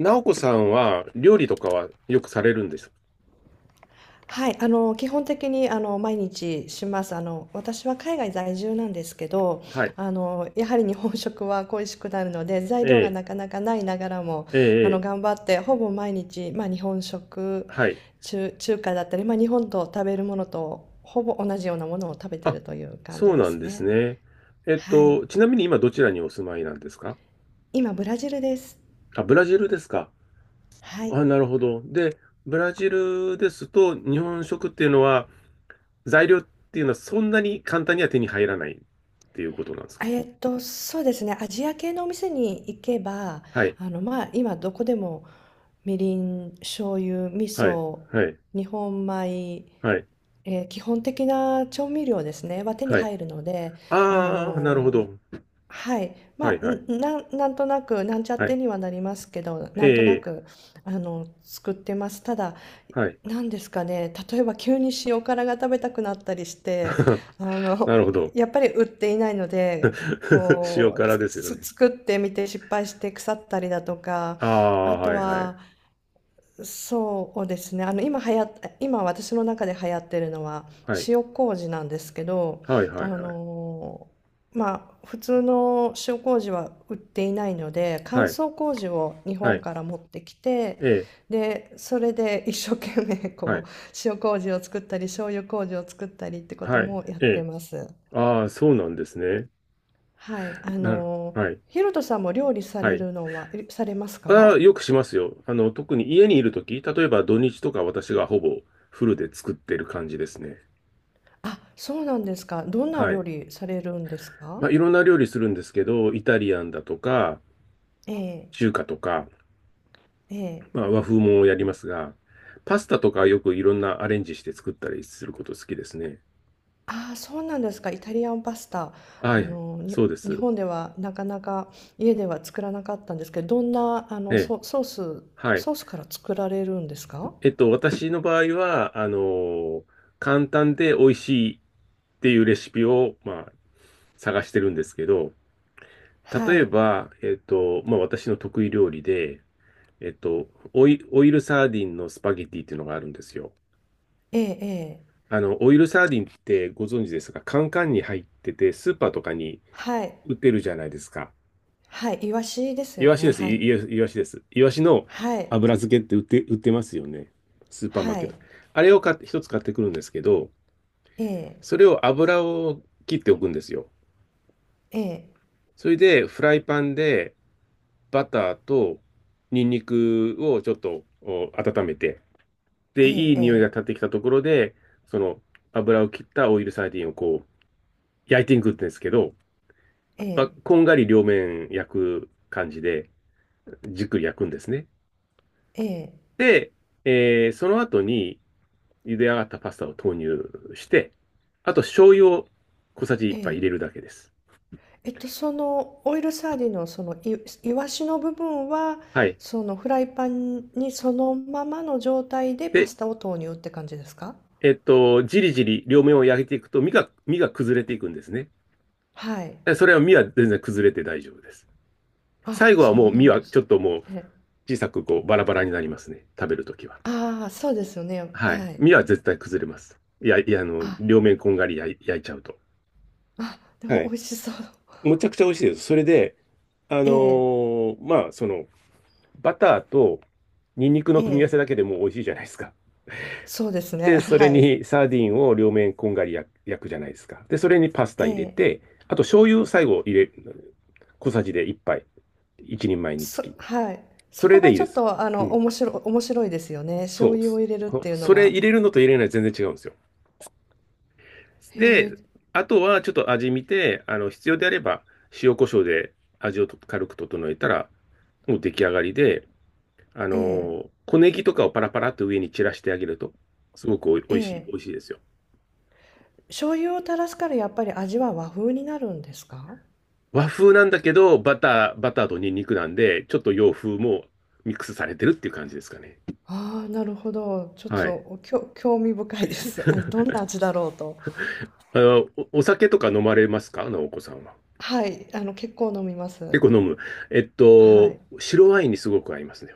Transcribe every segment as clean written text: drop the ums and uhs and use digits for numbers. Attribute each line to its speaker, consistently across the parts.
Speaker 1: なおこさんは料理とかはよくされるんですか？
Speaker 2: はい、基本的に、毎日します。私は海外在住なんですけど、
Speaker 1: はい。
Speaker 2: やはり日本食は恋しくなるので、材
Speaker 1: え
Speaker 2: 料が
Speaker 1: え、
Speaker 2: なかなかないながらも、
Speaker 1: ええ、ええ、
Speaker 2: 頑張って、ほぼ毎日、まあ、日本食、
Speaker 1: はい。
Speaker 2: 中華だったり、まあ、日本と食べるものと、ほぼ同じようなものを食べて
Speaker 1: あ、
Speaker 2: るという感
Speaker 1: そ
Speaker 2: じ
Speaker 1: う
Speaker 2: で
Speaker 1: なん
Speaker 2: す
Speaker 1: です
Speaker 2: ね。
Speaker 1: ね。
Speaker 2: はい。
Speaker 1: ちなみに今どちらにお住まいなんですか？
Speaker 2: 今、ブラジルです。
Speaker 1: あ、ブラジルですか。
Speaker 2: はい。
Speaker 1: あ、なるほど。で、ブラジルですと日本食っていうのは材料っていうのはそんなに簡単には手に入らないっていうことなんですか？
Speaker 2: そうですね。アジア系のお店に行けば、
Speaker 1: はい、
Speaker 2: まあ、今どこでもみりん、醤油、味
Speaker 1: はい、
Speaker 2: 噌、
Speaker 1: はい、
Speaker 2: 日本米、
Speaker 1: はい、
Speaker 2: 基本的な調味料ですね、は手に
Speaker 1: はい。
Speaker 2: 入るので、あ
Speaker 1: ああ、なるほ
Speaker 2: のー
Speaker 1: ど。
Speaker 2: はい、
Speaker 1: は
Speaker 2: ま
Speaker 1: い、
Speaker 2: あ、
Speaker 1: はい、
Speaker 2: なんとなく、なんちゃっ
Speaker 1: は
Speaker 2: て
Speaker 1: い。
Speaker 2: にはなりますけど、なんとな
Speaker 1: ええ、
Speaker 2: く、作ってます。ただ、
Speaker 1: はい。
Speaker 2: なんですかね、例えば急に塩辛が食べたくなったりして、あ
Speaker 1: な
Speaker 2: の、
Speaker 1: るほど。
Speaker 2: やっぱり売っていないので、
Speaker 1: 塩
Speaker 2: こう、
Speaker 1: 辛ですよね。
Speaker 2: 作ってみて失敗して腐ったりだとか、
Speaker 1: あ
Speaker 2: あ
Speaker 1: あ、は
Speaker 2: と
Speaker 1: いは
Speaker 2: は、
Speaker 1: い。
Speaker 2: そうですね。今私の中で流行ってるのは
Speaker 1: はい。
Speaker 2: 塩麹なんですけど、
Speaker 1: はいは
Speaker 2: あ
Speaker 1: いはい。
Speaker 2: のーまあ普通の塩麹は売っていないので、乾
Speaker 1: はい。
Speaker 2: 燥麹を日
Speaker 1: は
Speaker 2: 本
Speaker 1: い。
Speaker 2: から持ってき
Speaker 1: え
Speaker 2: て、
Speaker 1: え。
Speaker 2: でそれで一生懸命
Speaker 1: は
Speaker 2: こ
Speaker 1: い。
Speaker 2: う塩麹を作ったり醤油麹を作ったりってこと
Speaker 1: はい。
Speaker 2: もやっ
Speaker 1: え
Speaker 2: て
Speaker 1: え。
Speaker 2: ます。
Speaker 1: ああ、そうなんですね。
Speaker 2: はい、
Speaker 1: なる、はい。
Speaker 2: ヒロトさんも料理さ
Speaker 1: は
Speaker 2: れ
Speaker 1: い。
Speaker 2: るのはされます
Speaker 1: あ
Speaker 2: か？
Speaker 1: あ、よくしますよ。あの、特に家にいるとき、例えば土日とか私がほぼフルで作ってる感じですね。
Speaker 2: あ、そうなんですか。どんな
Speaker 1: は
Speaker 2: 料
Speaker 1: い。
Speaker 2: 理されるんですか？
Speaker 1: まあ、いろんな料理するんですけど、イタリアンだとか、
Speaker 2: ええ、
Speaker 1: 中華とか、
Speaker 2: ええ。
Speaker 1: まあ、和風もやりますが、パスタとかよくいろんなアレンジして作ったりすること好きですね。
Speaker 2: ああ、そうなんですか。イタリアンパスタ。
Speaker 1: は
Speaker 2: あ
Speaker 1: い。
Speaker 2: の、に
Speaker 1: そうで
Speaker 2: 日
Speaker 1: す。
Speaker 2: 本ではなかなか家では作らなかったんですけど、どんな、
Speaker 1: ええ、はい。
Speaker 2: ソースから作られるんですか。
Speaker 1: 私の場合は、あの、簡単で美味しいっていうレシピを、まあ、探してるんですけど、
Speaker 2: は
Speaker 1: 例え
Speaker 2: い。
Speaker 1: ば、まあ、私の得意料理で、えっと、オイルサーディンのスパゲティっていうのがあるんですよ。
Speaker 2: ええ、ええ。
Speaker 1: あの、オイルサーディンってご存知ですが、カンカンに入ってて、スーパーとかに
Speaker 2: はい。
Speaker 1: 売ってるじゃないですか。
Speaker 2: はい。イワシです
Speaker 1: イ
Speaker 2: よ
Speaker 1: ワシ
Speaker 2: ね。
Speaker 1: です。
Speaker 2: はい。
Speaker 1: イワシです。イワシの
Speaker 2: はい。
Speaker 1: 油漬けって売ってますよね。スーパーマー
Speaker 2: は
Speaker 1: ケット。
Speaker 2: い。
Speaker 1: あれを買って、一つ買ってくるんですけど、
Speaker 2: ええ、
Speaker 1: それを油を切っておくんですよ。
Speaker 2: ええ、
Speaker 1: それで、フライパンでバターとニンニクをちょっとお温めて、で、
Speaker 2: え
Speaker 1: いい匂いが
Speaker 2: え、
Speaker 1: 立ってきたところで、その油を切ったオイルサーディンをこう焼いていくんですけど、
Speaker 2: え
Speaker 1: まあ、
Speaker 2: え、
Speaker 1: こんがり両面焼く感じで、じっくり焼くんですね。
Speaker 2: ええ、ええ、
Speaker 1: で、その後に茹で上がったパスタを投入して、あと醤油を小さじ
Speaker 2: え
Speaker 1: 1杯入
Speaker 2: え。
Speaker 1: れるだけです。
Speaker 2: そのオイルサーディンのそのいいわしの部分は
Speaker 1: はい。
Speaker 2: そのフライパンにそのままの状態でパ
Speaker 1: で、
Speaker 2: スタを投入って感じですか？
Speaker 1: じりじり両面を焼いていくと身が崩れていくんですね。
Speaker 2: はい。
Speaker 1: でそれは身は全然崩れて大丈夫です。
Speaker 2: あ、
Speaker 1: 最後は
Speaker 2: そ
Speaker 1: も
Speaker 2: う
Speaker 1: う
Speaker 2: な
Speaker 1: 身
Speaker 2: ん
Speaker 1: は
Speaker 2: で
Speaker 1: ち
Speaker 2: す。
Speaker 1: ょっともう
Speaker 2: え、
Speaker 1: 小さくこうバラバラになりますね。食べるときは。
Speaker 2: ああ、そうですよね。
Speaker 1: はい。
Speaker 2: はい。
Speaker 1: 身は絶対崩れます。いや、いや、あの、
Speaker 2: あ、
Speaker 1: 両面こんがり焼いちゃうと。
Speaker 2: あ、でも
Speaker 1: は
Speaker 2: 美
Speaker 1: い。
Speaker 2: 味しそう。
Speaker 1: むちゃくちゃ美味しいです。それで、あの
Speaker 2: ええ、
Speaker 1: ーまあ、その、バターとニンニクの
Speaker 2: え
Speaker 1: 組み合わせ
Speaker 2: え、
Speaker 1: だけでもう美味しいじゃないですか。
Speaker 2: そうですね。
Speaker 1: で、それ
Speaker 2: はい。
Speaker 1: にサーディンを両面こんがり焼くじゃないですか。で、それにパスタ
Speaker 2: え
Speaker 1: 入れ
Speaker 2: え、
Speaker 1: て、あと醤油最後入れ、小さじで1杯。一人前につき。
Speaker 2: はい。
Speaker 1: そ
Speaker 2: そこ
Speaker 1: れで
Speaker 2: が
Speaker 1: いい
Speaker 2: ち
Speaker 1: で
Speaker 2: ょっ
Speaker 1: す。
Speaker 2: と
Speaker 1: うん。
Speaker 2: 面白いですよね。
Speaker 1: そ
Speaker 2: 醤
Speaker 1: う
Speaker 2: 油を入れるっていうの
Speaker 1: それ
Speaker 2: が。
Speaker 1: 入れるのと入れない全然違うんですよ。
Speaker 2: へ
Speaker 1: で、
Speaker 2: え、
Speaker 1: あとはちょっと味見て、あの、必要であれば塩コショウで味をと軽く整えたら、もう出来上がりで、あ
Speaker 2: ええ、
Speaker 1: の小ネギとかをパラパラっと上に散らしてあげると、すごく
Speaker 2: え
Speaker 1: お
Speaker 2: え。
Speaker 1: いしいですよ。
Speaker 2: 醤油を垂らすからやっぱり味は和風になるんですか？
Speaker 1: 和風なんだけど、バターとニンニクなんで、ちょっと洋風もミックスされてるっていう感じですかね。
Speaker 2: ああ、なるほど。ちょっ
Speaker 1: はい。
Speaker 2: と、興味深いです。あ、ど んな味だろうと。
Speaker 1: あの、お酒とか飲まれますか直お子さんは？
Speaker 2: はい、結構飲みま
Speaker 1: 結
Speaker 2: す。
Speaker 1: 構飲む。えっ
Speaker 2: は
Speaker 1: と、
Speaker 2: い。
Speaker 1: 白ワインにすごく合いますね。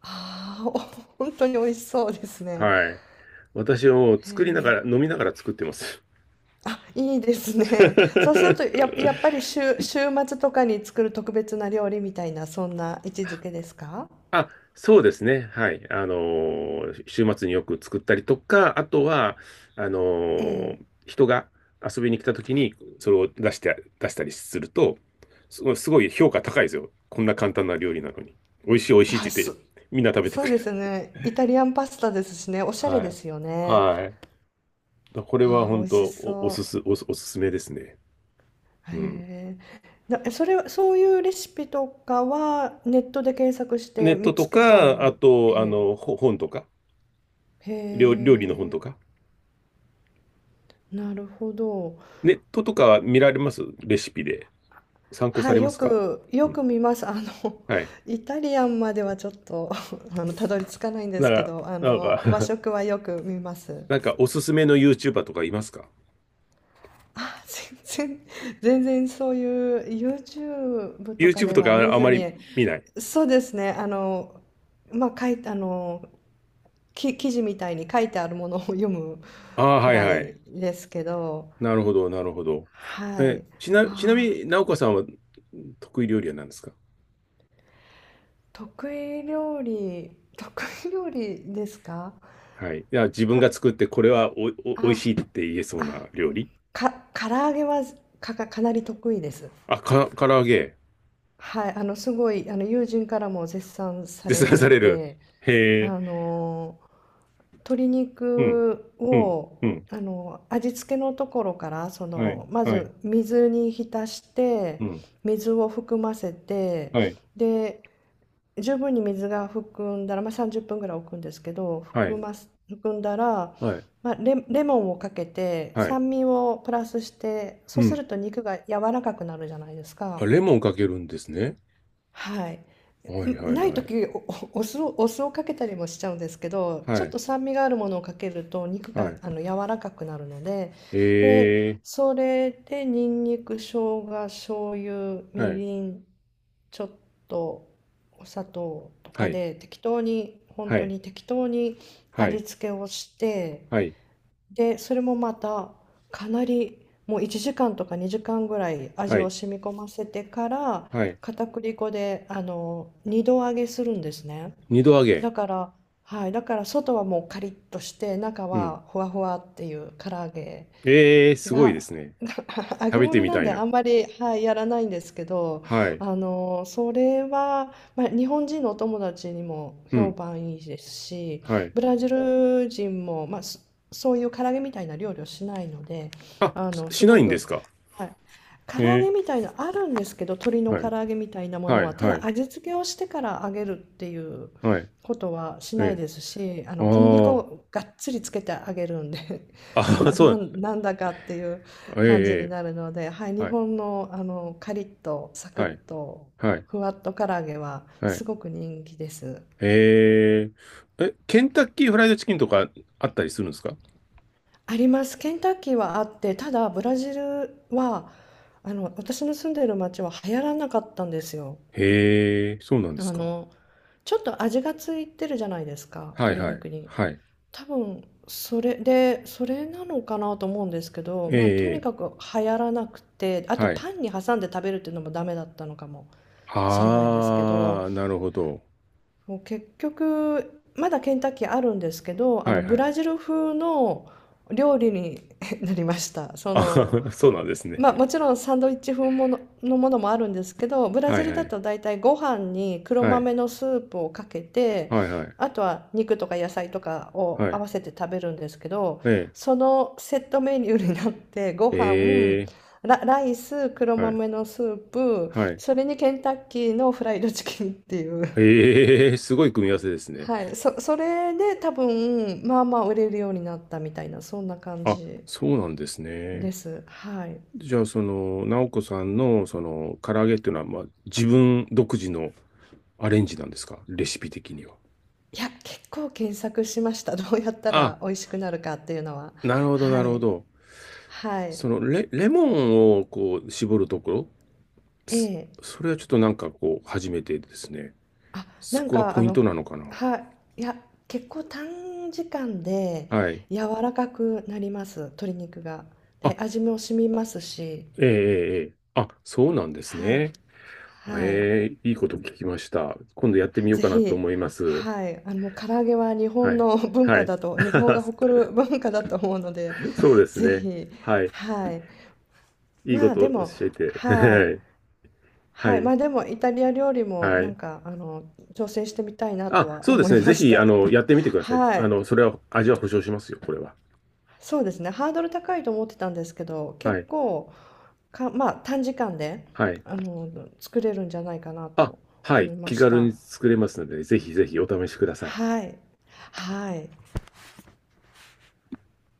Speaker 2: ああ、本当に美味しそうですね。
Speaker 1: はい。私はもう
Speaker 2: へ
Speaker 1: 作りなが
Speaker 2: え。
Speaker 1: ら、飲みながら作ってます。
Speaker 2: あ、いいですね。そうすると、やっ ぱり週末とかに作る特別な料理みたいな、そんな位置づけですか？
Speaker 1: あ、そうですね。はい。あのー週末によく作ったりとか、あとは、あの
Speaker 2: え
Speaker 1: ー
Speaker 2: え。
Speaker 1: 人が遊びに来た時に、それを出して、出したりすると、すごい、すごい評価高いですよ。こんな簡単な料理なのに。美味しい、美味
Speaker 2: い
Speaker 1: しいっ
Speaker 2: や、
Speaker 1: て言って、みんな食べて
Speaker 2: そ
Speaker 1: く
Speaker 2: う
Speaker 1: れ
Speaker 2: で
Speaker 1: る。
Speaker 2: すね。イタリアンパスタですしね、おしゃれ
Speaker 1: は
Speaker 2: で
Speaker 1: い。
Speaker 2: すよね。
Speaker 1: はい。これは
Speaker 2: ああ、美
Speaker 1: 本
Speaker 2: 味
Speaker 1: 当
Speaker 2: しそう。
Speaker 1: おすすめですね。うん。
Speaker 2: へえ。それは、そういうレシピとかはネットで検索し
Speaker 1: ネ
Speaker 2: て
Speaker 1: ット
Speaker 2: 見つ
Speaker 1: と
Speaker 2: けた
Speaker 1: か、あ
Speaker 2: ん。
Speaker 1: と、あ
Speaker 2: え
Speaker 1: の、本とか、
Speaker 2: え。
Speaker 1: 料、
Speaker 2: へ
Speaker 1: 料理の本とか。
Speaker 2: え。なるほど。
Speaker 1: ネットとか見られますレシピで。参考さ
Speaker 2: は
Speaker 1: れ
Speaker 2: い、
Speaker 1: ますか？
Speaker 2: よ
Speaker 1: うん。
Speaker 2: く見ます。
Speaker 1: はい。
Speaker 2: イタリアンまではちょっと、たどり着かないんで
Speaker 1: な
Speaker 2: すけ
Speaker 1: んか、
Speaker 2: ど、
Speaker 1: なん
Speaker 2: 和
Speaker 1: か
Speaker 2: 食はよく見ます。
Speaker 1: なんかおすすめの YouTuber とかいますか
Speaker 2: あ、全然、全然そういう YouTube とか
Speaker 1: ?YouTube
Speaker 2: で
Speaker 1: と
Speaker 2: は
Speaker 1: か
Speaker 2: 見
Speaker 1: ああ
Speaker 2: ず
Speaker 1: ま
Speaker 2: に、
Speaker 1: り見ない。
Speaker 2: そうですね、まあ、かい、あの、き記事みたいに書いてあるものを読む
Speaker 1: ああ、
Speaker 2: く
Speaker 1: はい
Speaker 2: ら
Speaker 1: は
Speaker 2: い
Speaker 1: い。
Speaker 2: ですけど、
Speaker 1: なるほど、なるほど。
Speaker 2: は
Speaker 1: え、
Speaker 2: い。
Speaker 1: ちなみ
Speaker 2: ああ、
Speaker 1: に、直子さんは得意料理は何ですか？
Speaker 2: 得意料理、得意料理ですか。
Speaker 1: はい。いや、自分
Speaker 2: な、
Speaker 1: が作ってこれはおい
Speaker 2: あ、
Speaker 1: しいって言えそう
Speaker 2: あ、
Speaker 1: な料理。
Speaker 2: か、唐揚げはかなり得意です。
Speaker 1: あ、唐揚げ。
Speaker 2: はい、すごい、友人からも絶賛さ
Speaker 1: 絶
Speaker 2: れ
Speaker 1: 賛
Speaker 2: て
Speaker 1: さ
Speaker 2: い
Speaker 1: れる。
Speaker 2: て、
Speaker 1: へえ。
Speaker 2: あの鶏
Speaker 1: うん。
Speaker 2: 肉
Speaker 1: うん。
Speaker 2: を
Speaker 1: うん。
Speaker 2: 味付けのところから
Speaker 1: はい。
Speaker 2: ま
Speaker 1: はい。
Speaker 2: ず水に浸し
Speaker 1: う
Speaker 2: て
Speaker 1: ん。
Speaker 2: 水を含ませて
Speaker 1: はい。
Speaker 2: で十分に水が含んだら、まあ、30分ぐらい置くんですけど
Speaker 1: はい。
Speaker 2: 含んだら、
Speaker 1: はい。
Speaker 2: まあ、レモンをかけて
Speaker 1: はい。
Speaker 2: 酸味をプラスして
Speaker 1: う
Speaker 2: そうす
Speaker 1: ん。
Speaker 2: ると肉が柔らかくなるじゃないです
Speaker 1: あ、
Speaker 2: か。
Speaker 1: レモンかけるんですね。
Speaker 2: はい、
Speaker 1: はいは
Speaker 2: ん
Speaker 1: い
Speaker 2: ない
Speaker 1: はい。
Speaker 2: 時おおお酢を、かけたりもしちゃうんですけどちょ
Speaker 1: は
Speaker 2: っ
Speaker 1: い。
Speaker 2: と酸味があるものをかけると肉
Speaker 1: は
Speaker 2: が
Speaker 1: い。
Speaker 2: 柔らかくなるので、で
Speaker 1: え
Speaker 2: それでにんにく生姜醤油
Speaker 1: ー。は
Speaker 2: み
Speaker 1: い。
Speaker 2: りんちょっとお砂糖と
Speaker 1: は
Speaker 2: か
Speaker 1: い。
Speaker 2: で適当に本
Speaker 1: は
Speaker 2: 当
Speaker 1: い。
Speaker 2: に適当に
Speaker 1: は
Speaker 2: 味
Speaker 1: い。
Speaker 2: 付けをして
Speaker 1: はい。
Speaker 2: で、それもまたかなりもう1時間とか2時間ぐらい味
Speaker 1: は
Speaker 2: を
Speaker 1: い。
Speaker 2: 染み込ませてから
Speaker 1: はい。
Speaker 2: 片栗粉で2度揚げするんですね。
Speaker 1: 二度揚げ。
Speaker 2: だから、はい、だから外はもうカリッとして中
Speaker 1: うん。
Speaker 2: はふわふわっていう唐揚げ
Speaker 1: えー、すごいで
Speaker 2: が
Speaker 1: すね。
Speaker 2: 揚げ
Speaker 1: 食べて
Speaker 2: 物
Speaker 1: み
Speaker 2: なん
Speaker 1: た
Speaker 2: で
Speaker 1: い
Speaker 2: あ
Speaker 1: な。
Speaker 2: んまり、はい、やらないんですけど、
Speaker 1: はい。
Speaker 2: それは、まあ、日本人のお友達にも
Speaker 1: う
Speaker 2: 評
Speaker 1: ん。
Speaker 2: 判いいですし、
Speaker 1: はい。
Speaker 2: ブラジル人も、まあ、そういう唐揚げみたいな料理をしないので、
Speaker 1: あ、
Speaker 2: あの、す
Speaker 1: しな
Speaker 2: ご
Speaker 1: いんで
Speaker 2: く、
Speaker 1: すか？
Speaker 2: はい。唐揚
Speaker 1: え
Speaker 2: げみたいなあるんですけど、鶏
Speaker 1: ー。
Speaker 2: の
Speaker 1: は
Speaker 2: 唐
Speaker 1: い。
Speaker 2: 揚げみたいなもの
Speaker 1: はい。
Speaker 2: は、た
Speaker 1: は
Speaker 2: だ
Speaker 1: い。
Speaker 2: 味付けをしてから揚げるっていう
Speaker 1: はい。
Speaker 2: ことはし
Speaker 1: え
Speaker 2: ない
Speaker 1: ー。
Speaker 2: ですし、
Speaker 1: あ
Speaker 2: 小麦粉
Speaker 1: ー。
Speaker 2: をがっつりつけて揚げるんで
Speaker 1: あ、そう。
Speaker 2: なんだかっていう
Speaker 1: えー、
Speaker 2: 感じに
Speaker 1: え
Speaker 2: なるので、はい、
Speaker 1: ー。
Speaker 2: 日
Speaker 1: はい。
Speaker 2: 本の、カリッとサク
Speaker 1: はい。
Speaker 2: ッと
Speaker 1: はい。
Speaker 2: ふわっと唐揚げは
Speaker 1: はい。
Speaker 2: すごく人気です。
Speaker 1: えー。え、ケンタッキーフライドチキンとかあったりするんですか？
Speaker 2: あります。ケンタッキーはあって、ただブラジルは私の住んでいる町は流行らなかったんですよ。
Speaker 1: へえ、そうなんで
Speaker 2: あ
Speaker 1: すか。
Speaker 2: のちょっと味がついてるじゃないですか、
Speaker 1: はい
Speaker 2: 鶏
Speaker 1: はい。
Speaker 2: 肉に。
Speaker 1: はい。
Speaker 2: 多分それでそれなのかなと思うんですけど、
Speaker 1: え
Speaker 2: まあ、とに
Speaker 1: え、
Speaker 2: かく流行らなくてあと
Speaker 1: はい。
Speaker 2: パンに挟んで食べるっていうのもダメだったのかもしれないんですけど、
Speaker 1: ああ、なるほど。
Speaker 2: 結局まだケンタッキーあるんですけど、
Speaker 1: はいは
Speaker 2: ブ
Speaker 1: い。
Speaker 2: ラジル風の料理に なりました。
Speaker 1: あ、そうなんですね。
Speaker 2: まあ、もちろんサンドイッチ風のものもあるんですけど、ブラ
Speaker 1: は
Speaker 2: ジ
Speaker 1: い
Speaker 2: ル
Speaker 1: は
Speaker 2: だ
Speaker 1: い。
Speaker 2: と大体ご飯に黒
Speaker 1: はい。
Speaker 2: 豆のスープをかけて、
Speaker 1: はいはい。
Speaker 2: あとは肉とか野菜とかを
Speaker 1: はい。
Speaker 2: 合わ
Speaker 1: ね
Speaker 2: せて食べるんですけど、
Speaker 1: え。
Speaker 2: そのセットメニューになってご飯、
Speaker 1: ええ、
Speaker 2: ライス、黒
Speaker 1: はい
Speaker 2: 豆のスープ、
Speaker 1: え
Speaker 2: それにケンタッキーのフライドチキンっていう。
Speaker 1: ええ、すごい組み合わせですね。
Speaker 2: はい、それで多分まあまあ売れるようになったみたいなそんな感
Speaker 1: あ、
Speaker 2: じ
Speaker 1: そうなんです
Speaker 2: で
Speaker 1: ね。
Speaker 2: す。はい。
Speaker 1: じゃあ、その、直子さんの、その、唐揚げっていうのは、まあ、自分独自のアレンジなんですかレシピ的には。
Speaker 2: いや、結構検索しました。どうやった
Speaker 1: あ、
Speaker 2: ら美味しくなるかっていうのは。
Speaker 1: なるほど、な
Speaker 2: は
Speaker 1: るほ
Speaker 2: い。
Speaker 1: ど。
Speaker 2: はい。
Speaker 1: レモンをこう絞るところ
Speaker 2: え
Speaker 1: そ
Speaker 2: え。
Speaker 1: それはちょっとなんかこう、初めてですね。
Speaker 2: あ、な
Speaker 1: そ
Speaker 2: ん
Speaker 1: こが
Speaker 2: か
Speaker 1: ポイントなのかな。
Speaker 2: はい。いや、結構短時間で
Speaker 1: はい。
Speaker 2: 柔らかくなります。鶏肉が。
Speaker 1: あ、
Speaker 2: で、味も染みますし。
Speaker 1: ええ、ええ、ええあ、そうなんです
Speaker 2: はい。
Speaker 1: ね。
Speaker 2: はい。
Speaker 1: ええ、いいこと聞きました。今度やってみよう
Speaker 2: ぜ
Speaker 1: かなと
Speaker 2: ひ、
Speaker 1: 思います。
Speaker 2: はい。唐揚げは日
Speaker 1: は
Speaker 2: 本
Speaker 1: い。
Speaker 2: の文
Speaker 1: は
Speaker 2: 化
Speaker 1: い。
Speaker 2: だと、日本が誇 る文化だと思うので、
Speaker 1: そうです
Speaker 2: ぜ
Speaker 1: ね。
Speaker 2: ひ、
Speaker 1: はい。
Speaker 2: はい。
Speaker 1: いいこ
Speaker 2: まあ、で
Speaker 1: と
Speaker 2: も、
Speaker 1: 教え
Speaker 2: は
Speaker 1: て。
Speaker 2: い。
Speaker 1: は
Speaker 2: はい、
Speaker 1: い。
Speaker 2: まあ、でもイタリア料理も
Speaker 1: は
Speaker 2: なん
Speaker 1: い。
Speaker 2: か挑戦してみたいなと
Speaker 1: あ、
Speaker 2: は
Speaker 1: そうで
Speaker 2: 思
Speaker 1: す
Speaker 2: い
Speaker 1: ね。ぜ
Speaker 2: まし
Speaker 1: ひ、あ
Speaker 2: た。
Speaker 1: の、やってみてください。
Speaker 2: は
Speaker 1: あ
Speaker 2: い、
Speaker 1: の、それは、味は保証しますよ、これは。
Speaker 2: そうですね。ハードル高いと思ってたんですけど、
Speaker 1: は
Speaker 2: 結
Speaker 1: い。
Speaker 2: 構か、まあ、短時間で
Speaker 1: はい。
Speaker 2: あの作れるんじゃないかな
Speaker 1: あ、
Speaker 2: と
Speaker 1: は
Speaker 2: 思
Speaker 1: い。
Speaker 2: いま
Speaker 1: 気
Speaker 2: し
Speaker 1: 軽
Speaker 2: た。
Speaker 1: に作れますので、ぜひぜひお試しください。
Speaker 2: はい、はい。